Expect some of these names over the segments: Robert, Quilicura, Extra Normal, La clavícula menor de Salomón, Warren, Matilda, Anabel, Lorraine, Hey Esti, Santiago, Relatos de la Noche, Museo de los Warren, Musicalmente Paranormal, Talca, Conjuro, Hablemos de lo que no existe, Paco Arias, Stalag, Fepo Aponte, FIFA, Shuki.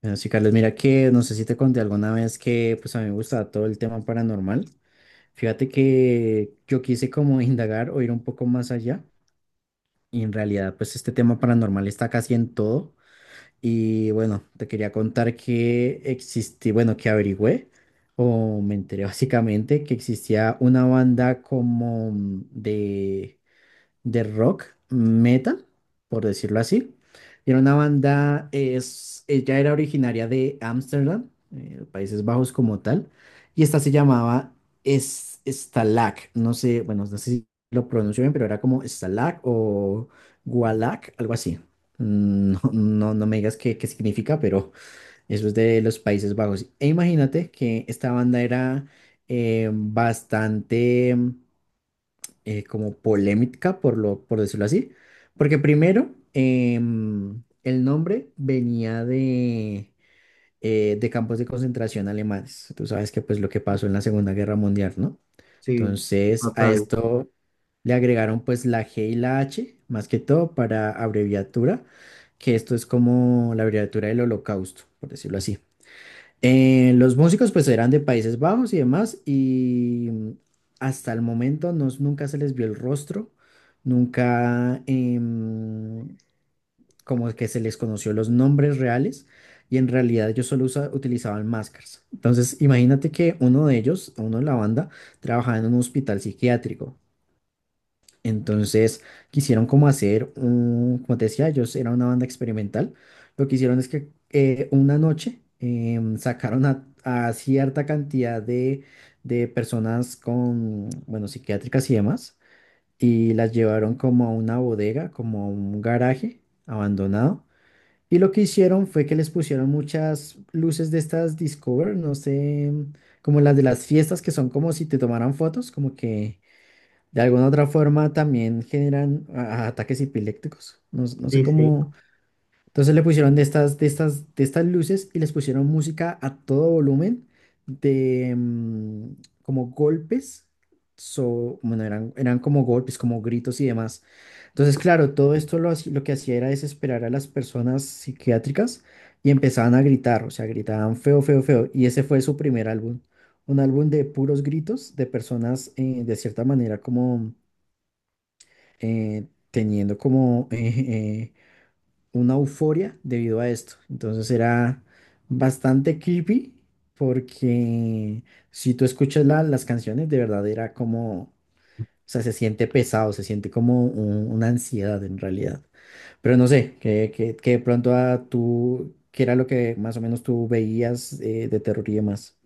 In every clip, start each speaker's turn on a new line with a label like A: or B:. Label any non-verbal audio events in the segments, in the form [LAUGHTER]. A: Bueno, sí, Carlos, mira que no sé si te conté alguna vez que pues a mí me gustaba todo el tema paranormal. Fíjate que yo quise como [LAUGHS] indagar o ir un poco más allá y en realidad pues este tema paranormal está casi en todo. Y bueno, te quería contar que existí, bueno, que averigüé o me enteré [LAUGHS] básicamente que existía una banda como de de rock meta, por decirlo así. Era una banda, es, ella era originaria de Ámsterdam, Países Bajos como tal, y esta se llamaba es, Stalag, no sé, bueno, no sé si lo pronuncio bien, pero era como Stalag o Gualag, algo así. Mm, [LAUGHS] no, no, no me digas qué, qué significa, pero eso es de los Países Bajos. E imagínate que esta banda era bastante como polémica, por lo, por decirlo así, porque primero el nombre venía de campos de concentración alemanes. Tú sabes que pues lo que pasó en la Segunda Guerra Mundial, ¿no?
B: Sí,
A: Entonces a
B: total.
A: esto le agregaron pues la G y la H, más que todo para abreviatura, que esto es como la abreviatura del Holocausto, por decirlo así. Los músicos pues eran de Países Bajos y demás y hasta el momento nunca se les vio el rostro, nunca como que se les conoció los nombres reales y en realidad ellos solo utilizaban máscaras. Entonces imagínate que uno de ellos, uno de la banda, trabajaba en un hospital psiquiátrico entonces quisieron como hacer un, como te decía, ellos era una banda experimental. Lo que hicieron es que una noche sacaron a cierta cantidad de personas con, bueno, psiquiátricas y demás, y las llevaron como a una bodega, como a un garaje abandonado. Y lo que hicieron fue que les pusieron muchas luces de estas Discover, no sé, como las de las fiestas que son como si te tomaran fotos, como que de alguna otra forma también generan a ataques epilépticos. No, no sé
B: Sí, sí.
A: cómo. Entonces le pusieron de estas, de estas, de estas luces y les pusieron música a todo volumen de como golpes. So, bueno, eran, eran como golpes, como gritos y demás. Entonces, claro, todo esto lo, lo que hacía era desesperar a las personas psiquiátricas y empezaban a gritar, o sea, gritaban feo, feo, feo. Y ese fue su primer álbum. Un álbum de puros gritos de personas de cierta manera como teniendo como [LAUGHS] una euforia debido a esto. Entonces era bastante creepy porque si tú escuchas las canciones, de verdad era como, o sea, se siente pesado, se siente como una ansiedad en realidad. Pero no sé, que de pronto a tú, ¿qué era lo que más o menos tú veías de terror y demás?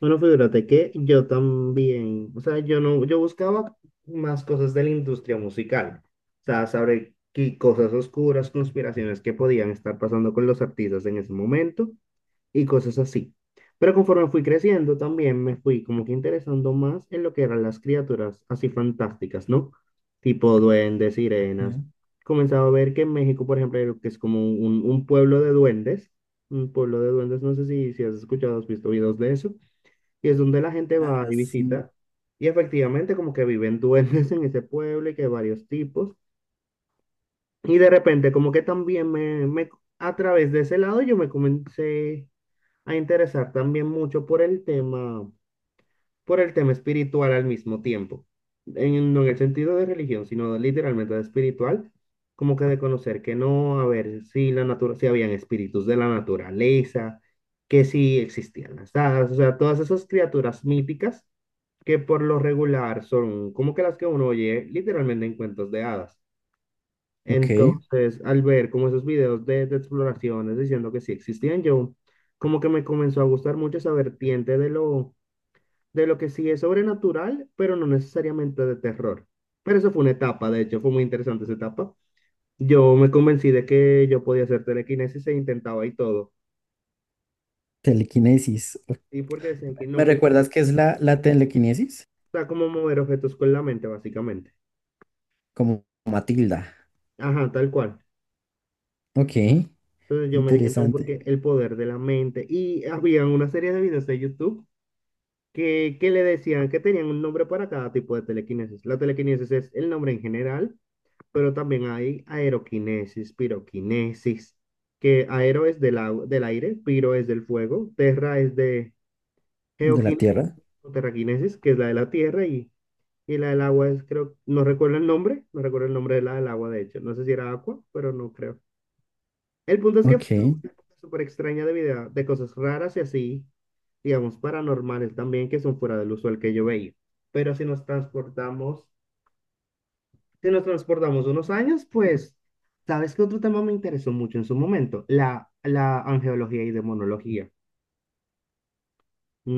B: Bueno, fíjate que yo también, o sea, yo no, yo buscaba más cosas de la industria musical. O sea, saber qué cosas oscuras, conspiraciones que podían estar pasando con los artistas en ese momento. Y cosas así. Pero conforme fui creciendo, también me fui como que interesando más en lo que eran las criaturas así fantásticas, ¿no? Tipo duendes, sirenas.
A: Ok.
B: Comenzaba a ver que en México, por ejemplo, hay lo que es como un pueblo de duendes, un pueblo de duendes, no sé si has escuchado, has visto videos de eso, y es donde la gente va
A: Ah,
B: y
A: sí.
B: visita, y efectivamente como que viven duendes [LAUGHS] en ese pueblo y que hay varios tipos, y de repente como que también me a través de ese lado yo me comencé a interesar también mucho por el tema espiritual al mismo tiempo. En, no en el sentido de religión, sino literalmente de espiritual, como que de conocer que no, a ver si la natura, si habían espíritus de la naturaleza, que si existían las hadas, o sea, todas esas criaturas míticas que por lo regular son como que las que uno oye literalmente en cuentos de hadas.
A: Ok,
B: Entonces, al ver como esos videos de exploraciones diciendo que sí existían, yo como que me comenzó a gustar mucho esa vertiente de lo que sí es sobrenatural, pero no necesariamente de terror. Pero eso fue una etapa, de hecho, fue muy interesante esa etapa. Yo me convencí de que yo podía hacer telequinesis e intentaba y todo.
A: telequinesis. Ok.
B: Y porque decían que
A: ¿Me
B: no, que o
A: recuerdas qué es la, la telequinesis?
B: sea, como mover objetos con la mente, básicamente.
A: Como Matilda.
B: Ajá, tal cual.
A: Ok,
B: Entonces yo me dije, no,
A: interesante.
B: porque el poder de la mente. Y había una serie de videos de YouTube. ¿Qué, qué le decían? Que tenían un nombre para cada tipo de telequinesis. La telequinesis es el nombre en general, pero también hay aeroquinesis, piroquinesis, que aero es au- del aire, piro es del fuego, terra es de
A: De la
B: geoquinesis
A: Tierra.
B: o terraquinesis, que es la de la tierra, y la del agua es, creo, no recuerdo el nombre, no recuerdo el nombre de la del agua, de hecho. No sé si era agua, pero no creo. El punto es que
A: Ok.
B: fue una época súper extraña de vida, de cosas raras y así, digamos, paranormales también, que son fuera del usual que yo veía. Pero si nos transportamos, si nos transportamos unos años, pues, ¿sabes qué otro tema me interesó mucho en su momento? La angeología y demonología.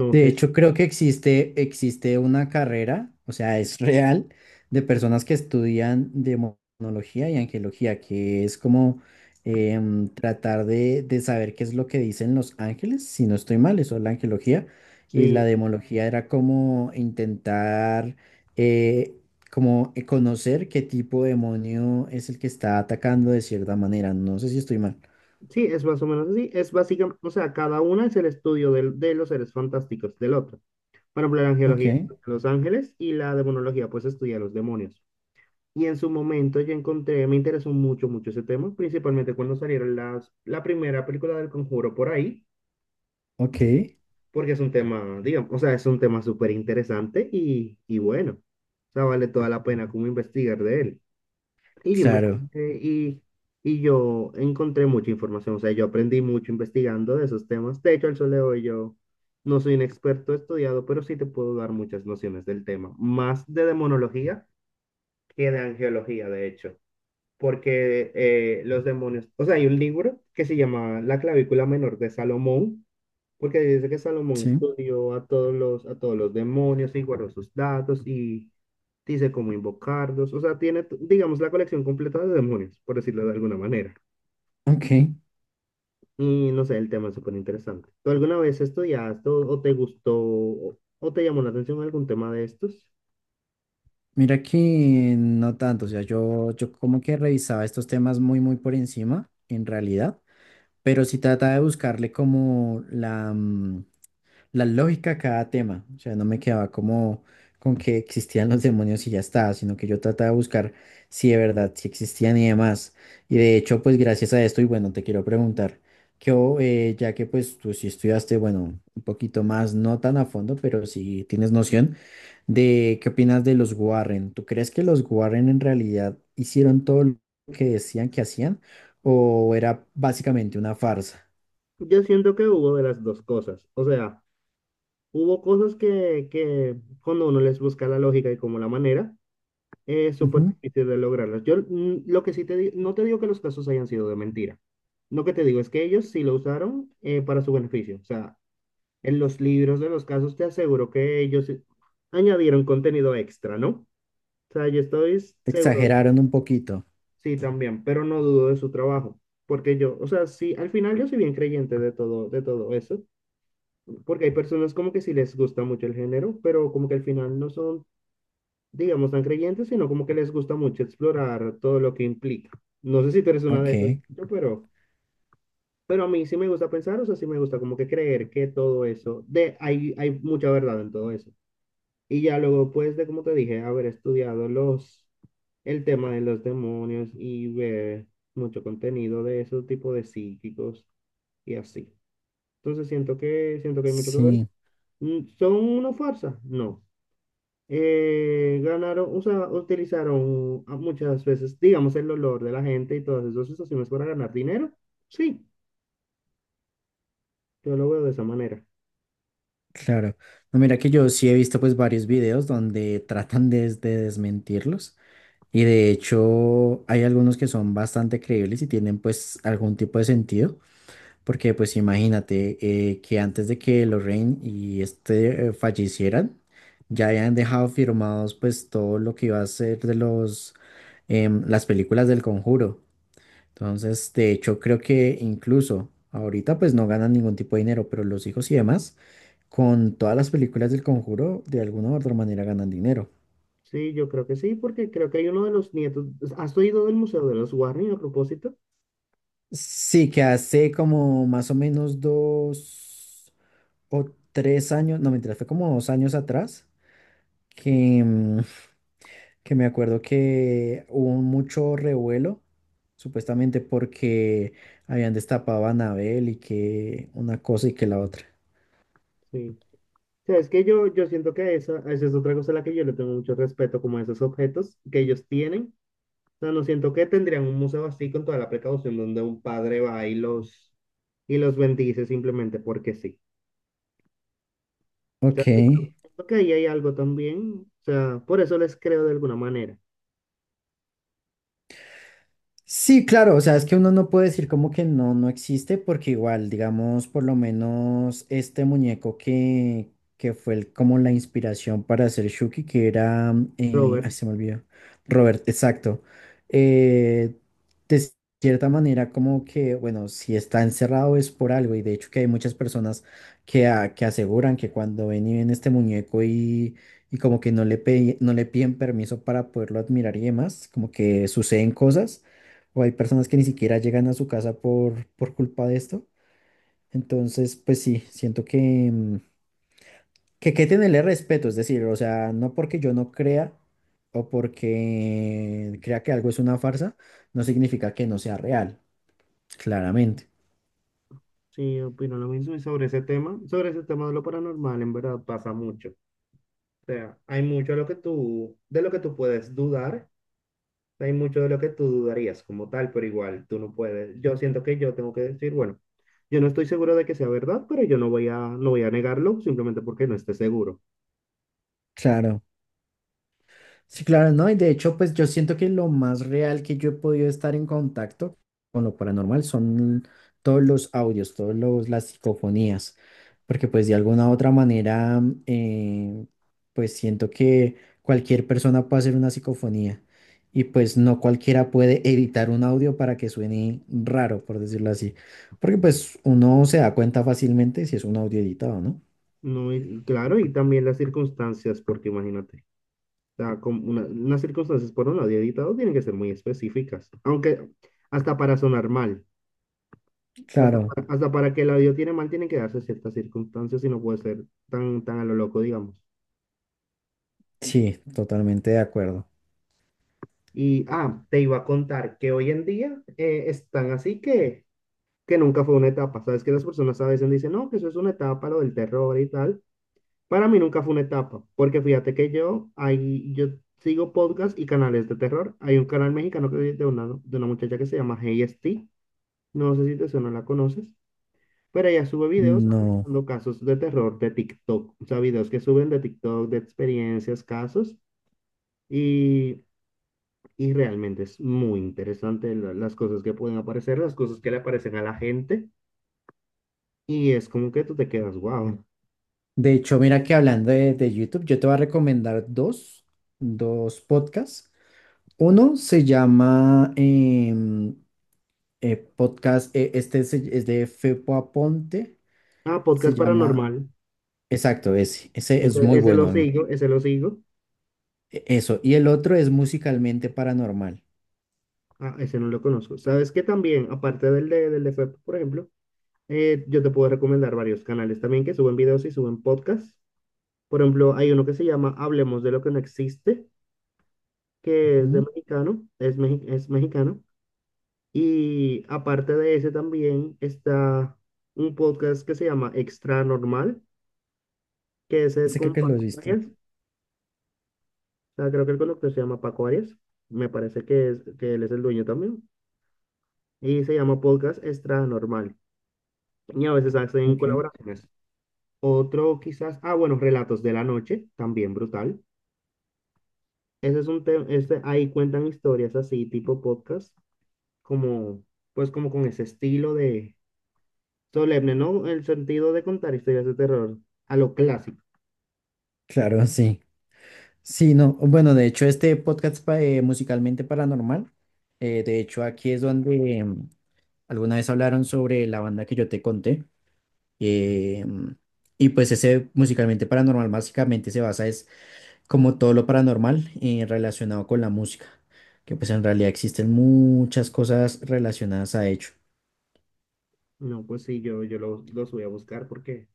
B: No
A: De
B: sé
A: hecho, creo que existe, existe una carrera, o sea, es real, de personas que estudian demonología y angelología, que es como tratar de saber qué es lo que dicen los ángeles, si no estoy mal, eso es la angelología. Y la
B: si,
A: demología era como intentar eh, como conocer qué tipo de demonio es el que está atacando de cierta manera. No sé si estoy mal.
B: sí, es más o menos así. Es básicamente, o sea, cada una es el estudio del- de los seres fantásticos del otro. Por ejemplo, la
A: Ok.
B: angeología estudia a los ángeles y la demonología, pues, estudia a los demonios. Y en su momento yo encontré, me interesó mucho, mucho ese tema, principalmente cuando salieron las, la primera película del Conjuro por ahí,
A: Ok,
B: porque es un tema, digamos, o sea, es un tema súper interesante y bueno, o sea, vale toda la pena como investigar de él. Y yo
A: claro,
B: investigué y yo encontré mucha información, o sea, yo aprendí mucho investigando de esos temas. De hecho, al sol de hoy yo no soy un experto estudiado, pero sí te puedo dar muchas nociones del tema, más de demonología que de angeología, de hecho. Porque los demonios, o sea, hay un libro que se llama La clavícula menor de Salomón, porque dice que Salomón
A: sí.
B: estudió a todos los demonios y guardó sus datos y dice cómo invocarlos, o sea, tiene, t- digamos, la colección completa de demonios, por decirlo de alguna manera.
A: Ok,
B: Y no sé, el tema es súper interesante. ¿Tú alguna vez estudiaste o te gustó o te llamó la atención algún tema de estos?
A: mira que no tanto, o sea, yo como que revisaba estos temas muy, muy por encima, en realidad, pero sí trataba de buscarle como la, la lógica a cada tema. O sea, no me quedaba como con que existían los demonios y ya está, sino que yo trataba de buscar si de verdad, si existían y demás. Y de hecho, pues gracias a esto, y bueno, te quiero preguntar, que o, ya que pues tú sí estudiaste, bueno, un poquito más, no tan a fondo, pero sí tienes noción de qué opinas de los Warren. ¿Tú crees que los Warren en realidad hicieron todo lo que decían que hacían o era básicamente una farsa?
B: Yo siento que hubo de las dos cosas, o sea... Hubo cosas que cuando uno les busca la lógica y como la manera, es súper
A: Ujú.
B: difícil de lograrlas. Yo lo que sí te digo, no te digo que los casos hayan sido de mentira. Lo que te digo es que ellos sí lo usaron para su beneficio. O sea, en los libros de los casos te aseguro que ellos añadieron contenido extra, ¿no? O sea, yo estoy seguro,
A: Exageraron un poquito.
B: sí, también, pero no dudo de su trabajo. Porque yo, o sea, sí, al final yo soy bien creyente de todo eso. Porque hay personas como que sí les gusta mucho el género, pero como que al final no son digamos, tan creyentes, sino como que les gusta mucho explorar todo lo que implica. No sé si tú eres una de esas,
A: Ok.
B: yo, pero a mí sí me gusta pensar, o sea, sí me gusta como que creer que todo eso, de, hay mucha verdad en todo eso. Y ya luego, pues, de como te dije, haber estudiado los, el tema de los demonios y ver mucho contenido de esos tipos de psíquicos y así. Entonces siento siento que hay mucho que ver.
A: Sí,
B: Mm, ¿son una farsa? No. Ganaron, usa- utilizaron a- muchas veces, digamos, el dolor de la gente y todas esas situaciones para ganar dinero. Sí, yo lo veo de esa manera.
A: claro. No, mira que yo sí he visto pues varios videos donde tratan de desmentirlos y de hecho hay algunos que son bastante creíbles y tienen pues algún tipo de sentido porque pues imagínate que antes de que Lorraine y este fallecieran ya habían dejado firmados pues todo lo que iba a ser de los las películas del Conjuro. Entonces, de hecho, creo que incluso ahorita pues no ganan ningún tipo de dinero, pero los hijos y demás, con todas las películas del Conjuro, de alguna u otra manera ganan dinero.
B: Sí, yo creo que sí, porque creo que hay uno de los nietos. Pues, ¿has oído del Museo de los Warren a propósito?
A: Sí, que hace como más o menos dos o tres años, no, mentira, fue como dos años atrás, que, que me acuerdo que hubo mucho revuelo, supuestamente porque habían destapado a Anabel y que una cosa y que la otra.
B: Sí. O sea, es que yo siento que esa es otra cosa a la que yo le tengo mucho respeto, como a esos objetos que ellos tienen. O sea, no siento que tendrían un museo así con toda la precaución donde un padre va y los bendice simplemente porque sí. Te
A: Ok.
B: recuerdo que ahí hay algo también, o sea, por eso les creo de alguna manera.
A: Sí, claro, o sea, es que uno no puede decir como que no, no existe, porque igual, digamos, por lo menos este muñeco que fue como la inspiración para hacer Shuki, que era, ay,
B: Robert,
A: se me olvidó, Robert, exacto. eh, de cierta manera, como que, bueno, si está encerrado es por algo, y de hecho que hay muchas personas que, que aseguran que cuando ven y ven este muñeco y como que no le, no le piden permiso para poderlo admirar y demás, como que suceden cosas o hay personas que ni siquiera llegan a su casa por culpa de esto. Entonces, pues sí, siento que, que tenerle respeto, es decir, o sea, no porque yo no crea o porque crea que algo es una farsa, no significa que no sea real, claramente.
B: sí, opino lo mismo y sobre ese tema de lo paranormal, en verdad pasa mucho. O sea, hay mucho de lo que tú, de lo que tú puedes dudar, hay mucho de lo que tú dudarías como tal, pero igual tú no puedes. Yo siento que yo tengo que decir, bueno, yo no estoy seguro de que sea verdad, pero yo no voy a, no voy a negarlo simplemente porque no esté seguro.
A: Claro. Sí, claro, ¿no? Y de hecho, pues yo siento que lo más real que yo he podido estar en contacto con lo paranormal son todos los audios, todos los, las psicofonías, porque pues de alguna u otra manera, pues siento que cualquier persona puede hacer una psicofonía y pues no cualquiera puede editar un audio para que suene raro, por decirlo así, porque pues uno se da cuenta fácilmente si es un audio editado, ¿no?
B: No, y- claro, y también las circunstancias, porque imagínate. Sea, como una- unas circunstancias por un lado y editado tienen que ser muy específicas. Aunque hasta para sonar mal, hasta
A: Claro,
B: para, hasta para que el audio tiene mal, tienen que darse ciertas circunstancias y no puede ser tan, tan a lo loco, digamos.
A: sí, totalmente de acuerdo.
B: Y, ah, te iba a contar que hoy en día están así que nunca fue una etapa. Sabes que las personas a veces dicen, no, que eso es una etapa, lo del terror y tal. Para mí nunca fue una etapa, porque fíjate que yo, ahí, yo sigo podcasts y canales de terror. Hay un canal mexicano una, de una muchacha que se llama Hey Esti. No sé si te suena, la conoces, pero ella sube videos
A: No.
B: analizando casos de terror de TikTok, o sea, videos que suben de TikTok, de experiencias, casos, y, y realmente es muy interesante la- las cosas que pueden aparecer, las cosas que le aparecen a la gente, y es como que tú te quedas, wow.
A: De hecho, mira que hablando de YouTube, yo te voy a recomendar dos, dos podcasts. Uno se llama podcast, este es de Fepo Aponte,
B: Ah,
A: se
B: podcast
A: llama,
B: paranormal,
A: exacto, ese
B: ese,
A: es muy bueno a mí.
B: ese lo sigo,
A: Eso, y el otro es Musicalmente Paranormal.
B: ah, ese no lo conozco. Sabes que también, aparte del de FEP, por ejemplo, yo te puedo recomendar varios canales también que suben videos y suben podcasts. Por ejemplo, hay uno que se llama Hablemos de lo que no existe, que es de
A: Ujú,
B: mexicano, es, mexi- es mexicano. Y aparte de ese también está un podcast que se llama Extra Normal, que ese es
A: ese creo
B: con
A: que lo
B: Paco
A: has visto.
B: Arias. O sea, creo que el conductor se llama Paco Arias. Me parece que, es, que él es el dueño también. Y se llama Podcast Extra Normal. Y a veces hacen
A: Ok.
B: colaboraciones. Otro quizás, ah, bueno, Relatos de la Noche, también brutal. Ese es un tema, este, ahí cuentan historias así, tipo podcast como, pues como con ese estilo de solemne, ¿no? El sentido de contar historias de terror a lo clásico.
A: Claro, sí. Sí, no. Bueno, de hecho, este podcast Musicalmente Paranormal, de hecho, aquí es donde... alguna vez hablaron sobre la banda que yo te conté. eh, y pues ese musicalmente paranormal básicamente se basa es como todo lo paranormal relacionado con la música. Que pues en realidad existen muchas cosas relacionadas a ello.
B: No, pues sí, yo lo- los voy a buscar porque,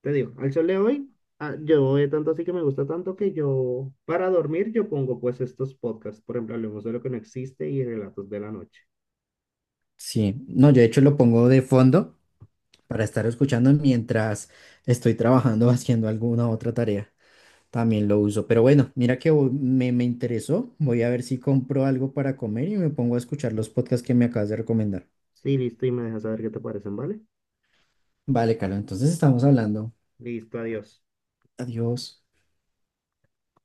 B: te digo, al sol de hoy, ah, yo tanto así que me gusta tanto que yo, para dormir, yo pongo pues estos podcasts, por ejemplo, Hablemos de lo que no existe y Relatos de la Noche.
A: Sí, no, yo de hecho lo pongo de fondo para estar escuchando mientras estoy trabajando, [LAUGHS] haciendo alguna otra tarea. También lo uso. Pero bueno, mira que hoy me, me interesó. Voy a ver si compro algo para comer y me pongo a escuchar los podcasts que me acabas de recomendar.
B: Sí, listo, y me dejas saber qué te parecen, ¿vale?
A: Vale, Carlos, entonces estamos hablando.
B: Listo, adiós.
A: Adiós.